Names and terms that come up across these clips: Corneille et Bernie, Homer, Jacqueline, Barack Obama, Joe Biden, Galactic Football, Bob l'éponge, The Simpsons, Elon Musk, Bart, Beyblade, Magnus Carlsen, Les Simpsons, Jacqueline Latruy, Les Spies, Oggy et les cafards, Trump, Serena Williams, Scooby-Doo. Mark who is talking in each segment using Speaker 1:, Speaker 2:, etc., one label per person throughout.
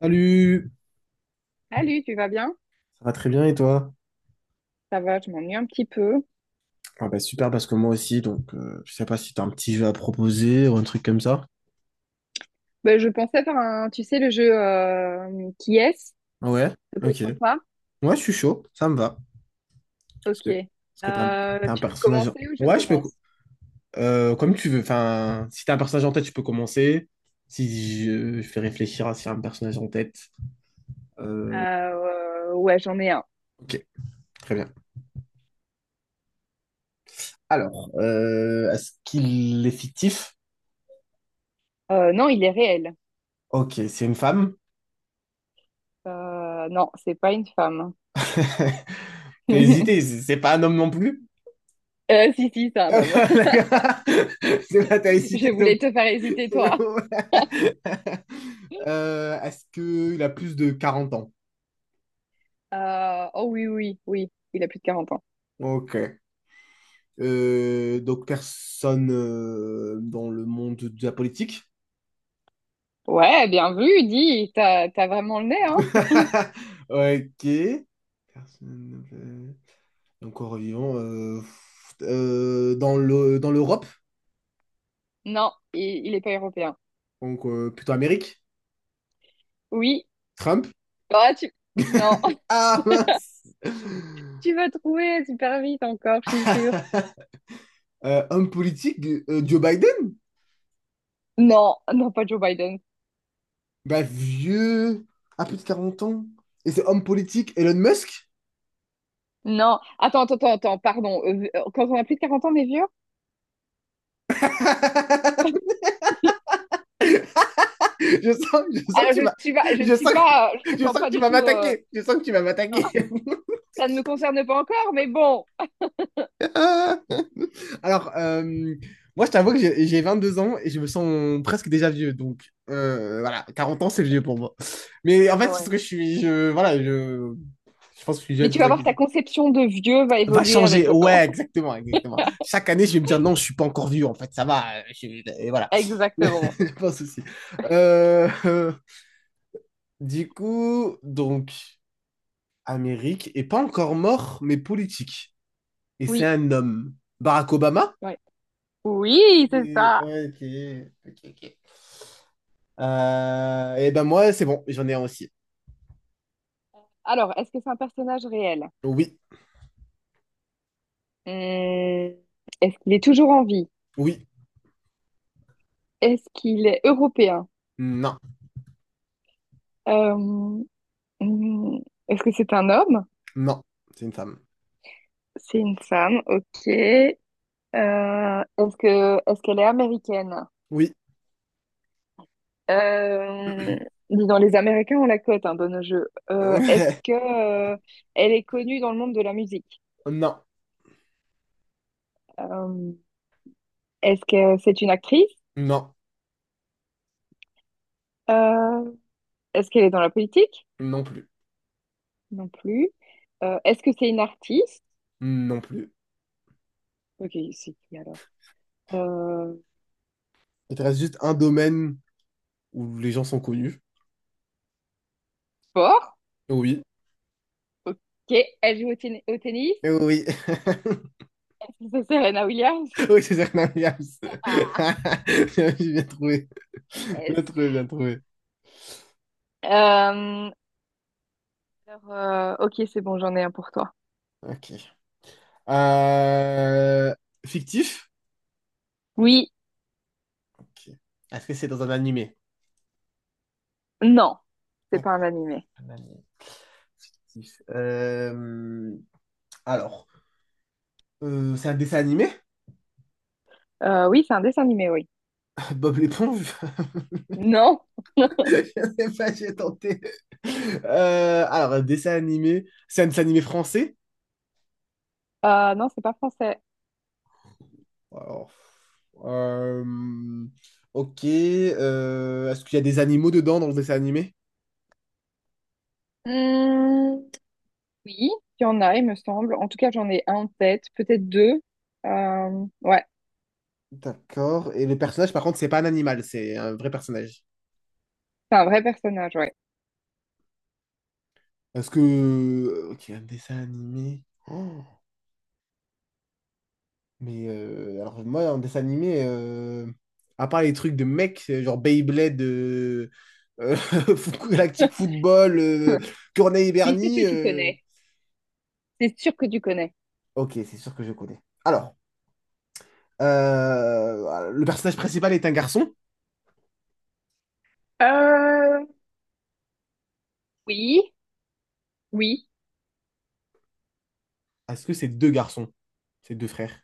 Speaker 1: Salut!
Speaker 2: Salut, tu vas bien?
Speaker 1: Ça va très bien et toi?
Speaker 2: Ça va, je m'ennuie un petit peu.
Speaker 1: Ah bah super parce que moi aussi, donc je sais pas si t'as un petit jeu à proposer ou un truc comme ça.
Speaker 2: Ben, je pensais faire un, tu sais, le jeu qui est-ce?
Speaker 1: Ouais,
Speaker 2: Ça peut être
Speaker 1: ok.
Speaker 2: sympa.
Speaker 1: Ouais, je suis chaud, ça me va. Parce
Speaker 2: Ok.
Speaker 1: que, parce que t'as un
Speaker 2: Tu veux
Speaker 1: personnage.
Speaker 2: commencer ou je
Speaker 1: Ouais, je peux.
Speaker 2: commence?
Speaker 1: Comme tu veux. Enfin, si t'as un personnage en tête, je peux commencer. Si je fais réfléchir à si y a un personnage en tête. Euh,
Speaker 2: Ouais, j'en ai un.
Speaker 1: ok, très bien. Alors, est-ce qu'il est fictif?
Speaker 2: Non, il est réel.
Speaker 1: Ok, c'est une femme.
Speaker 2: Non, c'est pas une femme.
Speaker 1: T'as hésité, c'est c'est pas un homme non plus?
Speaker 2: Si, si, c'est un
Speaker 1: Ah,
Speaker 2: homme.
Speaker 1: d'accord. C'est pas, t'avais cité
Speaker 2: Je
Speaker 1: donc.
Speaker 2: voulais te faire hésiter, toi.
Speaker 1: Est-ce qu'il a plus de 40 ans?
Speaker 2: Oh oui, oui, oui, il a plus de 40 ans.
Speaker 1: Ok. Donc personne dans le monde de la politique.
Speaker 2: Ouais, bien vu, dis, t'as vraiment le nez, hein?
Speaker 1: Ok. Personne. Donc en vivant. Dans le, dans l'Europe.
Speaker 2: Non, il est pas européen.
Speaker 1: Donc plutôt Amérique.
Speaker 2: Oui,
Speaker 1: Trump.
Speaker 2: Ah, tu... Non,
Speaker 1: Ah mince.
Speaker 2: tu vas trouver super vite encore, je suis sûre.
Speaker 1: Homme politique, Joe Biden?
Speaker 2: Non, non, pas Joe Biden.
Speaker 1: Bah, vieux, un petit 40 ans. Et c'est homme politique, Elon Musk?
Speaker 2: Non, attends, attends, attends, attends, pardon. Quand on a plus de 40 ans, on est vieux?
Speaker 1: Je sens
Speaker 2: Ah,
Speaker 1: que tu
Speaker 2: je ne
Speaker 1: vas.
Speaker 2: suis pas, je ne
Speaker 1: Je
Speaker 2: suis
Speaker 1: sens que...
Speaker 2: pas, je me
Speaker 1: Je
Speaker 2: sens
Speaker 1: sens que
Speaker 2: pas
Speaker 1: tu
Speaker 2: du
Speaker 1: vas
Speaker 2: tout,
Speaker 1: m'attaquer. Je sens que tu vas m'attaquer.
Speaker 2: ça ne me concerne pas encore, mais bon.
Speaker 1: Alors, moi, je t'avoue que j'ai deux ans et je me sens presque déjà vieux. Donc, voilà, 40 ans, c'est vieux pour moi. Mais en fait, c'est ce que
Speaker 2: Ouais.
Speaker 1: je suis. Je, voilà, je pense que je suis
Speaker 2: Mais
Speaker 1: jeune, c'est
Speaker 2: tu
Speaker 1: pour
Speaker 2: vas
Speaker 1: ça que
Speaker 2: voir, ta conception de vieux va
Speaker 1: va
Speaker 2: évoluer avec
Speaker 1: changer.
Speaker 2: le temps.
Speaker 1: Ouais, exactement, exactement. Chaque année, je vais me dire non, je suis pas encore vieux, en fait, ça va. Je- Et voilà.
Speaker 2: Exactement.
Speaker 1: Je pense aussi. Euh, euh, du coup, donc, Amérique est pas encore mort, mais politique. Et c'est
Speaker 2: Oui,
Speaker 1: un homme. Barack Obama?
Speaker 2: ouais. Oui, c'est
Speaker 1: Et-
Speaker 2: ça.
Speaker 1: ouais, ok, ok, ok. Et ben moi, c'est bon, j'en ai un aussi.
Speaker 2: Alors, est-ce que c'est un personnage réel?
Speaker 1: Oui,
Speaker 2: Hmm, est-ce qu'il est toujours en vie?
Speaker 1: oui,
Speaker 2: Est-ce qu'il est européen?
Speaker 1: non,
Speaker 2: Euh, hmm, Est-ce que c'est un homme?
Speaker 1: non, c'est une femme.
Speaker 2: C'est une femme, ok. Est-ce qu'elle est américaine?
Speaker 1: Oui,
Speaker 2: Euh, dis donc, les Américains ont la cote hein, dans nos jeux. Est-ce que Elle est connue dans le monde de la musique?
Speaker 1: non,
Speaker 2: Euh, Est-ce que c'est une actrice?
Speaker 1: non,
Speaker 2: Euh, Est-ce qu'elle est dans la politique?
Speaker 1: non plus,
Speaker 2: Non plus. Est-ce que c'est une artiste?
Speaker 1: non plus.
Speaker 2: Ok, c'est qui alors? Euh,
Speaker 1: Il te reste juste un domaine où les gens sont connus.
Speaker 2: Sport?
Speaker 1: Oui.
Speaker 2: Ok. Elle joue au, ten- au tennis?
Speaker 1: Oui,
Speaker 2: Est-ce que c'est Serena Williams?
Speaker 1: oui, c'est Serena Williams. Bien bien trouvé.
Speaker 2: Yes.
Speaker 1: Bien trouvé, bien trouvé.
Speaker 2: Euh, alors, ok, c'est bon, j'en ai un pour toi.
Speaker 1: Ok. Euh, Fictif?
Speaker 2: Oui,
Speaker 1: Ok. Est-ce que c'est dans un animé?
Speaker 2: non, c'est pas un
Speaker 1: D'accord,
Speaker 2: animé.
Speaker 1: un animé fictif. Alors, c'est un dessin animé?
Speaker 2: Oui, c'est un dessin animé, oui.
Speaker 1: Bob l'éponge?
Speaker 2: Non,
Speaker 1: Je sais pas, j'ai tenté. Alors, un dessin animé. C'est un dessin animé français?
Speaker 2: non, c'est pas français.
Speaker 1: Alors, euh, ok. Est-ce qu'il y a des animaux dedans dans le dessin animé?
Speaker 2: Hmm, oui, il y en a, il me semble. En tout cas, j'en ai un en tête, peut-être deux. Ouais,
Speaker 1: D'accord. Et le personnage, par contre, c'est pas un animal, c'est un vrai personnage.
Speaker 2: c'est un vrai personnage, ouais.
Speaker 1: Est-ce que... Ok, un dessin animé. Oh, mais alors moi, un dessin animé, à part les trucs de mecs, genre Beyblade, euh, Galactic Football, Corneille et
Speaker 2: Je suis sûre
Speaker 1: Bernie,
Speaker 2: que tu connais. C'est sûr que tu connais.
Speaker 1: ok, c'est sûr que je connais. Alors, le personnage principal est un garçon.
Speaker 2: Euh, oui, oui,
Speaker 1: À ce que ces deux garçons, ces deux frères,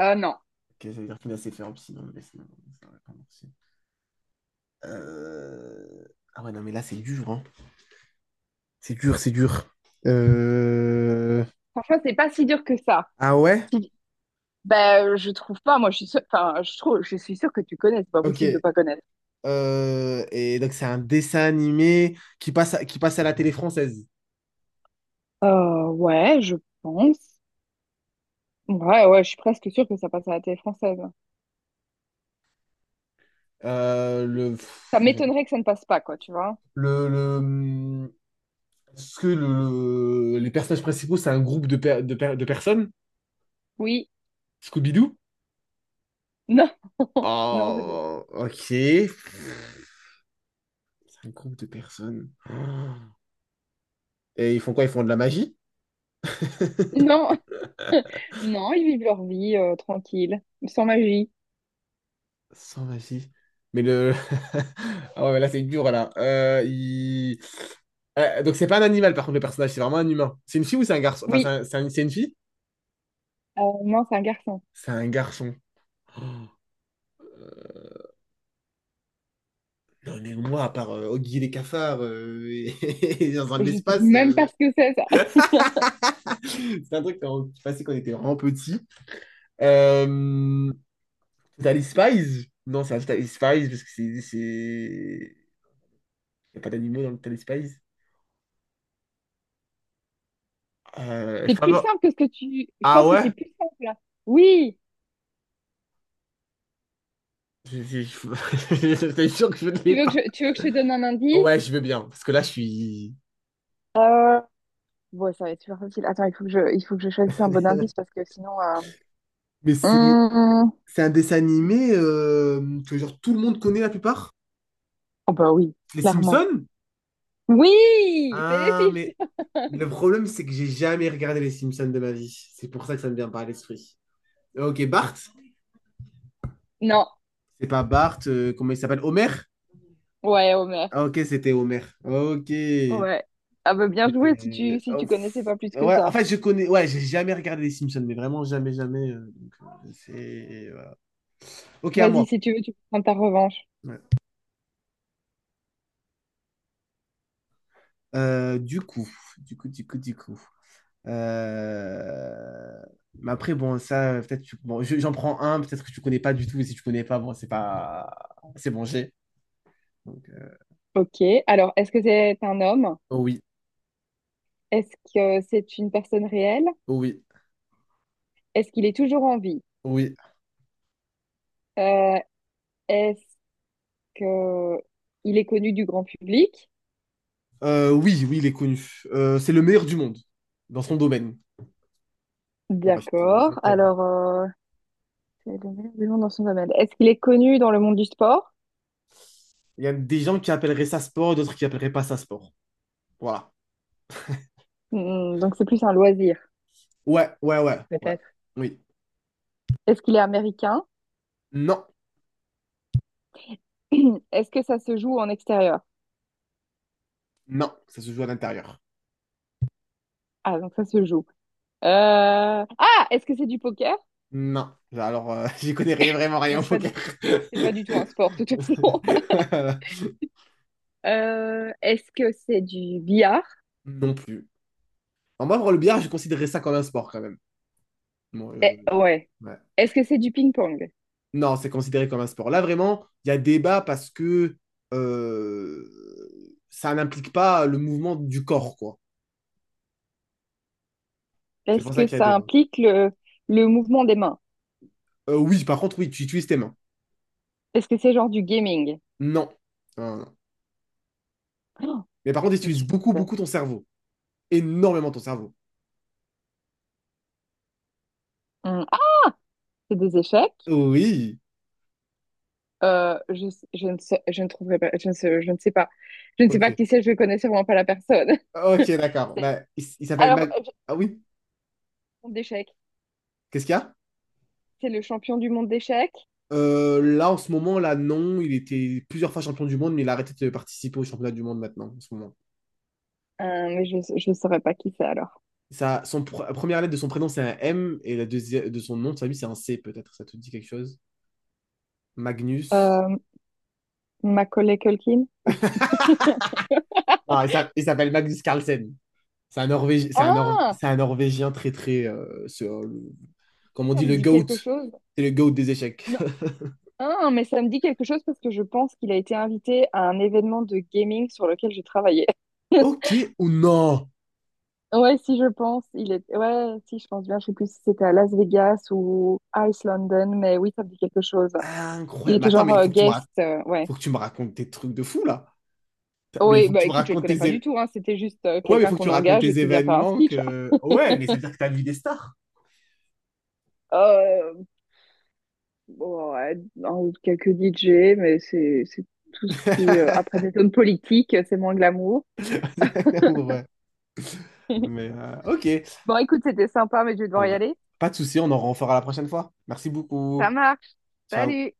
Speaker 2: non.
Speaker 1: ok, ça veut dire qu'il a ses frères aussi, mais sinon, ça aurait pas marché. Euh, Ah ouais, non, mais là, c'est dur, hein. C'est dur, c'est dur. Euh,
Speaker 2: Franchement, c'est pas si dur que ça.
Speaker 1: Ah ouais?
Speaker 2: Si- Ben, je trouve pas. Moi, je suis sûre, enfin, je trouve, je suis sûre que tu connais. C'est pas possible de
Speaker 1: Ok.
Speaker 2: pas connaître.
Speaker 1: Et donc, c'est un dessin animé qui passe à la télé française.
Speaker 2: Ouais, je pense. Ouais, ouais, je suis presque sûre que ça passe à la télé française.
Speaker 1: Euh, le...
Speaker 2: Ça m'étonnerait que ça ne passe pas, quoi, tu vois.
Speaker 1: Le... Est-ce que le... les personnages principaux, c'est un groupe de, per- de, per- de personnes?
Speaker 2: Oui.
Speaker 1: Scooby-Doo?
Speaker 2: Non. Non, c'est pas-
Speaker 1: Oh, ok. Un groupe de personnes. Oh. Et ils font quoi? Ils font de la magie?
Speaker 2: Non. Non, ils vivent leur vie tranquille, sans magie.
Speaker 1: Sans magie. Mais le. Ah ouais, mais là, c'est dur, là. Il- Donc, c'est pas un animal, par contre, le personnage, c'est vraiment un humain. C'est une fille ou c'est un garçon? Enfin, c'est
Speaker 2: Oui.
Speaker 1: un- c'est un- c'est une fille?
Speaker 2: Non, c'est un garçon.
Speaker 1: C'est un garçon. Oh. Non, mais moi, à part Oggy et les cafards et et dans un de
Speaker 2: Je sais
Speaker 1: l'espace,
Speaker 2: même pas ce que c'est, ça.
Speaker 1: c'est un truc qu'on- qui passait quand on était vraiment petit. Euh... T'as les Spies? Non, c'est pas les Spies parce que c'est. C'est- Il n'y a pas d'animaux dans le Téléspace.
Speaker 2: C'est plus
Speaker 1: Favor-
Speaker 2: simple que ce que tu... Je
Speaker 1: Ah
Speaker 2: pense que c'est
Speaker 1: ouais?
Speaker 2: plus simple, là. Oui.
Speaker 1: Je- J'étais sûr que je ne l'ai
Speaker 2: Tu veux que
Speaker 1: pas.
Speaker 2: je, tu veux que je te donne un
Speaker 1: Ouais,
Speaker 2: indice?
Speaker 1: je veux bien, parce que là, je suis...
Speaker 2: Euh... Ouais, ça va être super facile. Attends, il faut que je choisisse un bon indice parce que sinon...
Speaker 1: mais c'est
Speaker 2: hum,
Speaker 1: c'est un dessin animé que genre tout le monde connaît la plupart.
Speaker 2: Oh bah oui,
Speaker 1: Les
Speaker 2: clairement.
Speaker 1: Simpsons?
Speaker 2: Oui, c'est les
Speaker 1: Ah, mais le
Speaker 2: Simpsons.
Speaker 1: problème, c'est que j'ai jamais regardé les Simpsons de ma vie. C'est pour ça que ça me vient pas à l'esprit. Ok, Bart?
Speaker 2: Non,
Speaker 1: C'est pas Bart, comment il s'appelle? Homer?
Speaker 2: ouais, Homer.
Speaker 1: Ah ok, c'était Homer. Ok.
Speaker 2: Ouais. Ah bah bien joué si tu
Speaker 1: C'était.
Speaker 2: si
Speaker 1: Oh,
Speaker 2: tu connaissais
Speaker 1: pff.
Speaker 2: pas plus que
Speaker 1: Ouais, en
Speaker 2: ça.
Speaker 1: fait, je connais. Ouais, j'ai jamais regardé les Simpsons, mais vraiment jamais, jamais. Donc, c'est. Voilà. Ok, à
Speaker 2: Vas-y,
Speaker 1: moi.
Speaker 2: si tu veux, tu peux prendre ta revanche.
Speaker 1: Ouais. Euh, du coup, du coup. Euh, Mais après, bon, ça, peut-être. Tu- Bon, je- j'en prends un, peut-être que tu connais pas du tout, et si tu connais pas, bon, c'est pas. C'est bon, j'ai. Donc,
Speaker 2: Ok. Alors, est-ce que c'est un homme?
Speaker 1: oh oui,
Speaker 2: Est-ce que c'est une personne réelle?
Speaker 1: oh oui,
Speaker 2: Est-ce qu'il est toujours en vie?
Speaker 1: oh oui.
Speaker 2: Euh, est-ce que il est connu du grand public?
Speaker 1: Oui, oui, il est connu. C'est le meilleur du monde dans son domaine. Ouais, je te- je
Speaker 2: D'accord.
Speaker 1: t'aide.
Speaker 2: Alors, c'est le meilleur du monde dans son domaine. Est-ce qu'il est connu dans le monde du sport?
Speaker 1: Il y a des gens qui appelleraient ça sport, d'autres qui appelleraient pas ça sport. Voilà.
Speaker 2: Hmm, donc c'est plus un loisir,
Speaker 1: Ouais, ouais, ouais, ouais.
Speaker 2: peut-être.
Speaker 1: Oui.
Speaker 2: Est-ce qu'il est américain?
Speaker 1: Non,
Speaker 2: Est-ce que ça se joue en extérieur?
Speaker 1: non, ça se joue à l'intérieur.
Speaker 2: Ah, donc ça se joue. Est-ce que c'est du poker?
Speaker 1: Non. Alors, j'y connais rien- vraiment
Speaker 2: Non,
Speaker 1: rien au poker.
Speaker 2: c'est pas du tout un sport, de toute façon. Est-ce que c'est du billard?
Speaker 1: Non plus. En moi, pour le billard, je considérais ça comme un sport quand même. Bon,
Speaker 2: Eh, ouais.
Speaker 1: ouais.
Speaker 2: Est-ce que c'est du ping-pong?
Speaker 1: Non, c'est considéré comme un sport. Là, vraiment, il y a débat parce que ça n'implique pas le mouvement du corps, quoi. C'est
Speaker 2: Est-ce
Speaker 1: pour ça
Speaker 2: que
Speaker 1: qu'il y a
Speaker 2: ça
Speaker 1: débat.
Speaker 2: implique le, le mouvement des mains?
Speaker 1: Oui, par contre, oui, tu utilises tes mains.
Speaker 2: Est-ce que c'est genre du gaming?
Speaker 1: Non. Non, non.
Speaker 2: Oh,
Speaker 1: Mais par contre, tu
Speaker 2: mais
Speaker 1: utilises
Speaker 2: qu'est-ce que
Speaker 1: beaucoup,
Speaker 2: c'est?
Speaker 1: beaucoup ton cerveau. Énormément ton cerveau.
Speaker 2: Hum, Ah, c'est des échecs?
Speaker 1: Oui.
Speaker 2: Euh, je, je ne sais, je ne trouverai pas, je ne sais pas. Je ne sais
Speaker 1: Ok.
Speaker 2: pas qui c'est, je ne connais sûrement pas la personne.
Speaker 1: Ok, d'accord.
Speaker 2: C'est-
Speaker 1: Bah, il s- il s'appelle
Speaker 2: Alors,
Speaker 1: Mag... Ah oui?
Speaker 2: monde d'échecs.
Speaker 1: Qu'est-ce qu'il y a?
Speaker 2: C'est le champion du monde d'échecs.
Speaker 1: Là, en ce moment, là, non. Il était plusieurs fois champion du monde, mais il a arrêté de participer au championnat du monde maintenant, en ce moment.
Speaker 2: Mais je ne saurais pas qui c'est alors.
Speaker 1: Ça, son pr- la première lettre de son prénom, c'est un M, et la deuxième de son nom, de sa vie, c'est un C, peut-être. Ça te dit quelque chose? Magnus.
Speaker 2: Euh, Macaulay Culkin?
Speaker 1: Non, il s'a- il s'appelle Magnus Carlsen. C'est un, Norvég... c'est un, Nor-
Speaker 2: Ah!
Speaker 1: c'est un Norvégien très, très... ce- le-
Speaker 2: Tu sais,
Speaker 1: Comme on
Speaker 2: ça
Speaker 1: dit,
Speaker 2: me
Speaker 1: le
Speaker 2: dit
Speaker 1: GOAT.
Speaker 2: quelque chose.
Speaker 1: C'est le GOAT des échecs.
Speaker 2: Non, ah, mais ça me dit quelque chose parce que je pense qu'il a été invité à un événement de gaming sur lequel j'ai travaillé.
Speaker 1: Ok, ou non?
Speaker 2: Ouais, si je pense, il est... Ouais, si je pense bien, je sais plus si c'était à Las Vegas ou Ice London, mais oui, ça me dit quelque chose. Il
Speaker 1: Incroyable. Mais
Speaker 2: était
Speaker 1: attends,
Speaker 2: genre
Speaker 1: mais il faut que tu me rac-
Speaker 2: guest, ouais.
Speaker 1: faut que tu me racontes tes trucs de fou là. T'as- Mais il
Speaker 2: Oui,
Speaker 1: faut que
Speaker 2: bah
Speaker 1: tu me
Speaker 2: écoute, je le
Speaker 1: racontes
Speaker 2: connais
Speaker 1: tes
Speaker 2: pas du
Speaker 1: é-
Speaker 2: tout, hein. C'était juste
Speaker 1: Ouais, mais il
Speaker 2: quelqu'un
Speaker 1: faut que tu
Speaker 2: qu'on
Speaker 1: racontes
Speaker 2: engage et
Speaker 1: tes
Speaker 2: qui vient faire un
Speaker 1: événements
Speaker 2: speech.
Speaker 1: que ouais, mais ça veut dire que t'as vu des stars.
Speaker 2: Euh, bon, ouais, un- quelques DJ, mais c'est tout ce qui... après des zones politiques, c'est moins glamour.
Speaker 1: Ouais. Mais OK.
Speaker 2: Bon, écoute, c'était sympa, mais je vais devoir y
Speaker 1: Ouais.
Speaker 2: aller.
Speaker 1: Pas de souci, on en refera la prochaine fois. Merci
Speaker 2: Ça
Speaker 1: beaucoup.
Speaker 2: marche.
Speaker 1: Ciao.
Speaker 2: Salut!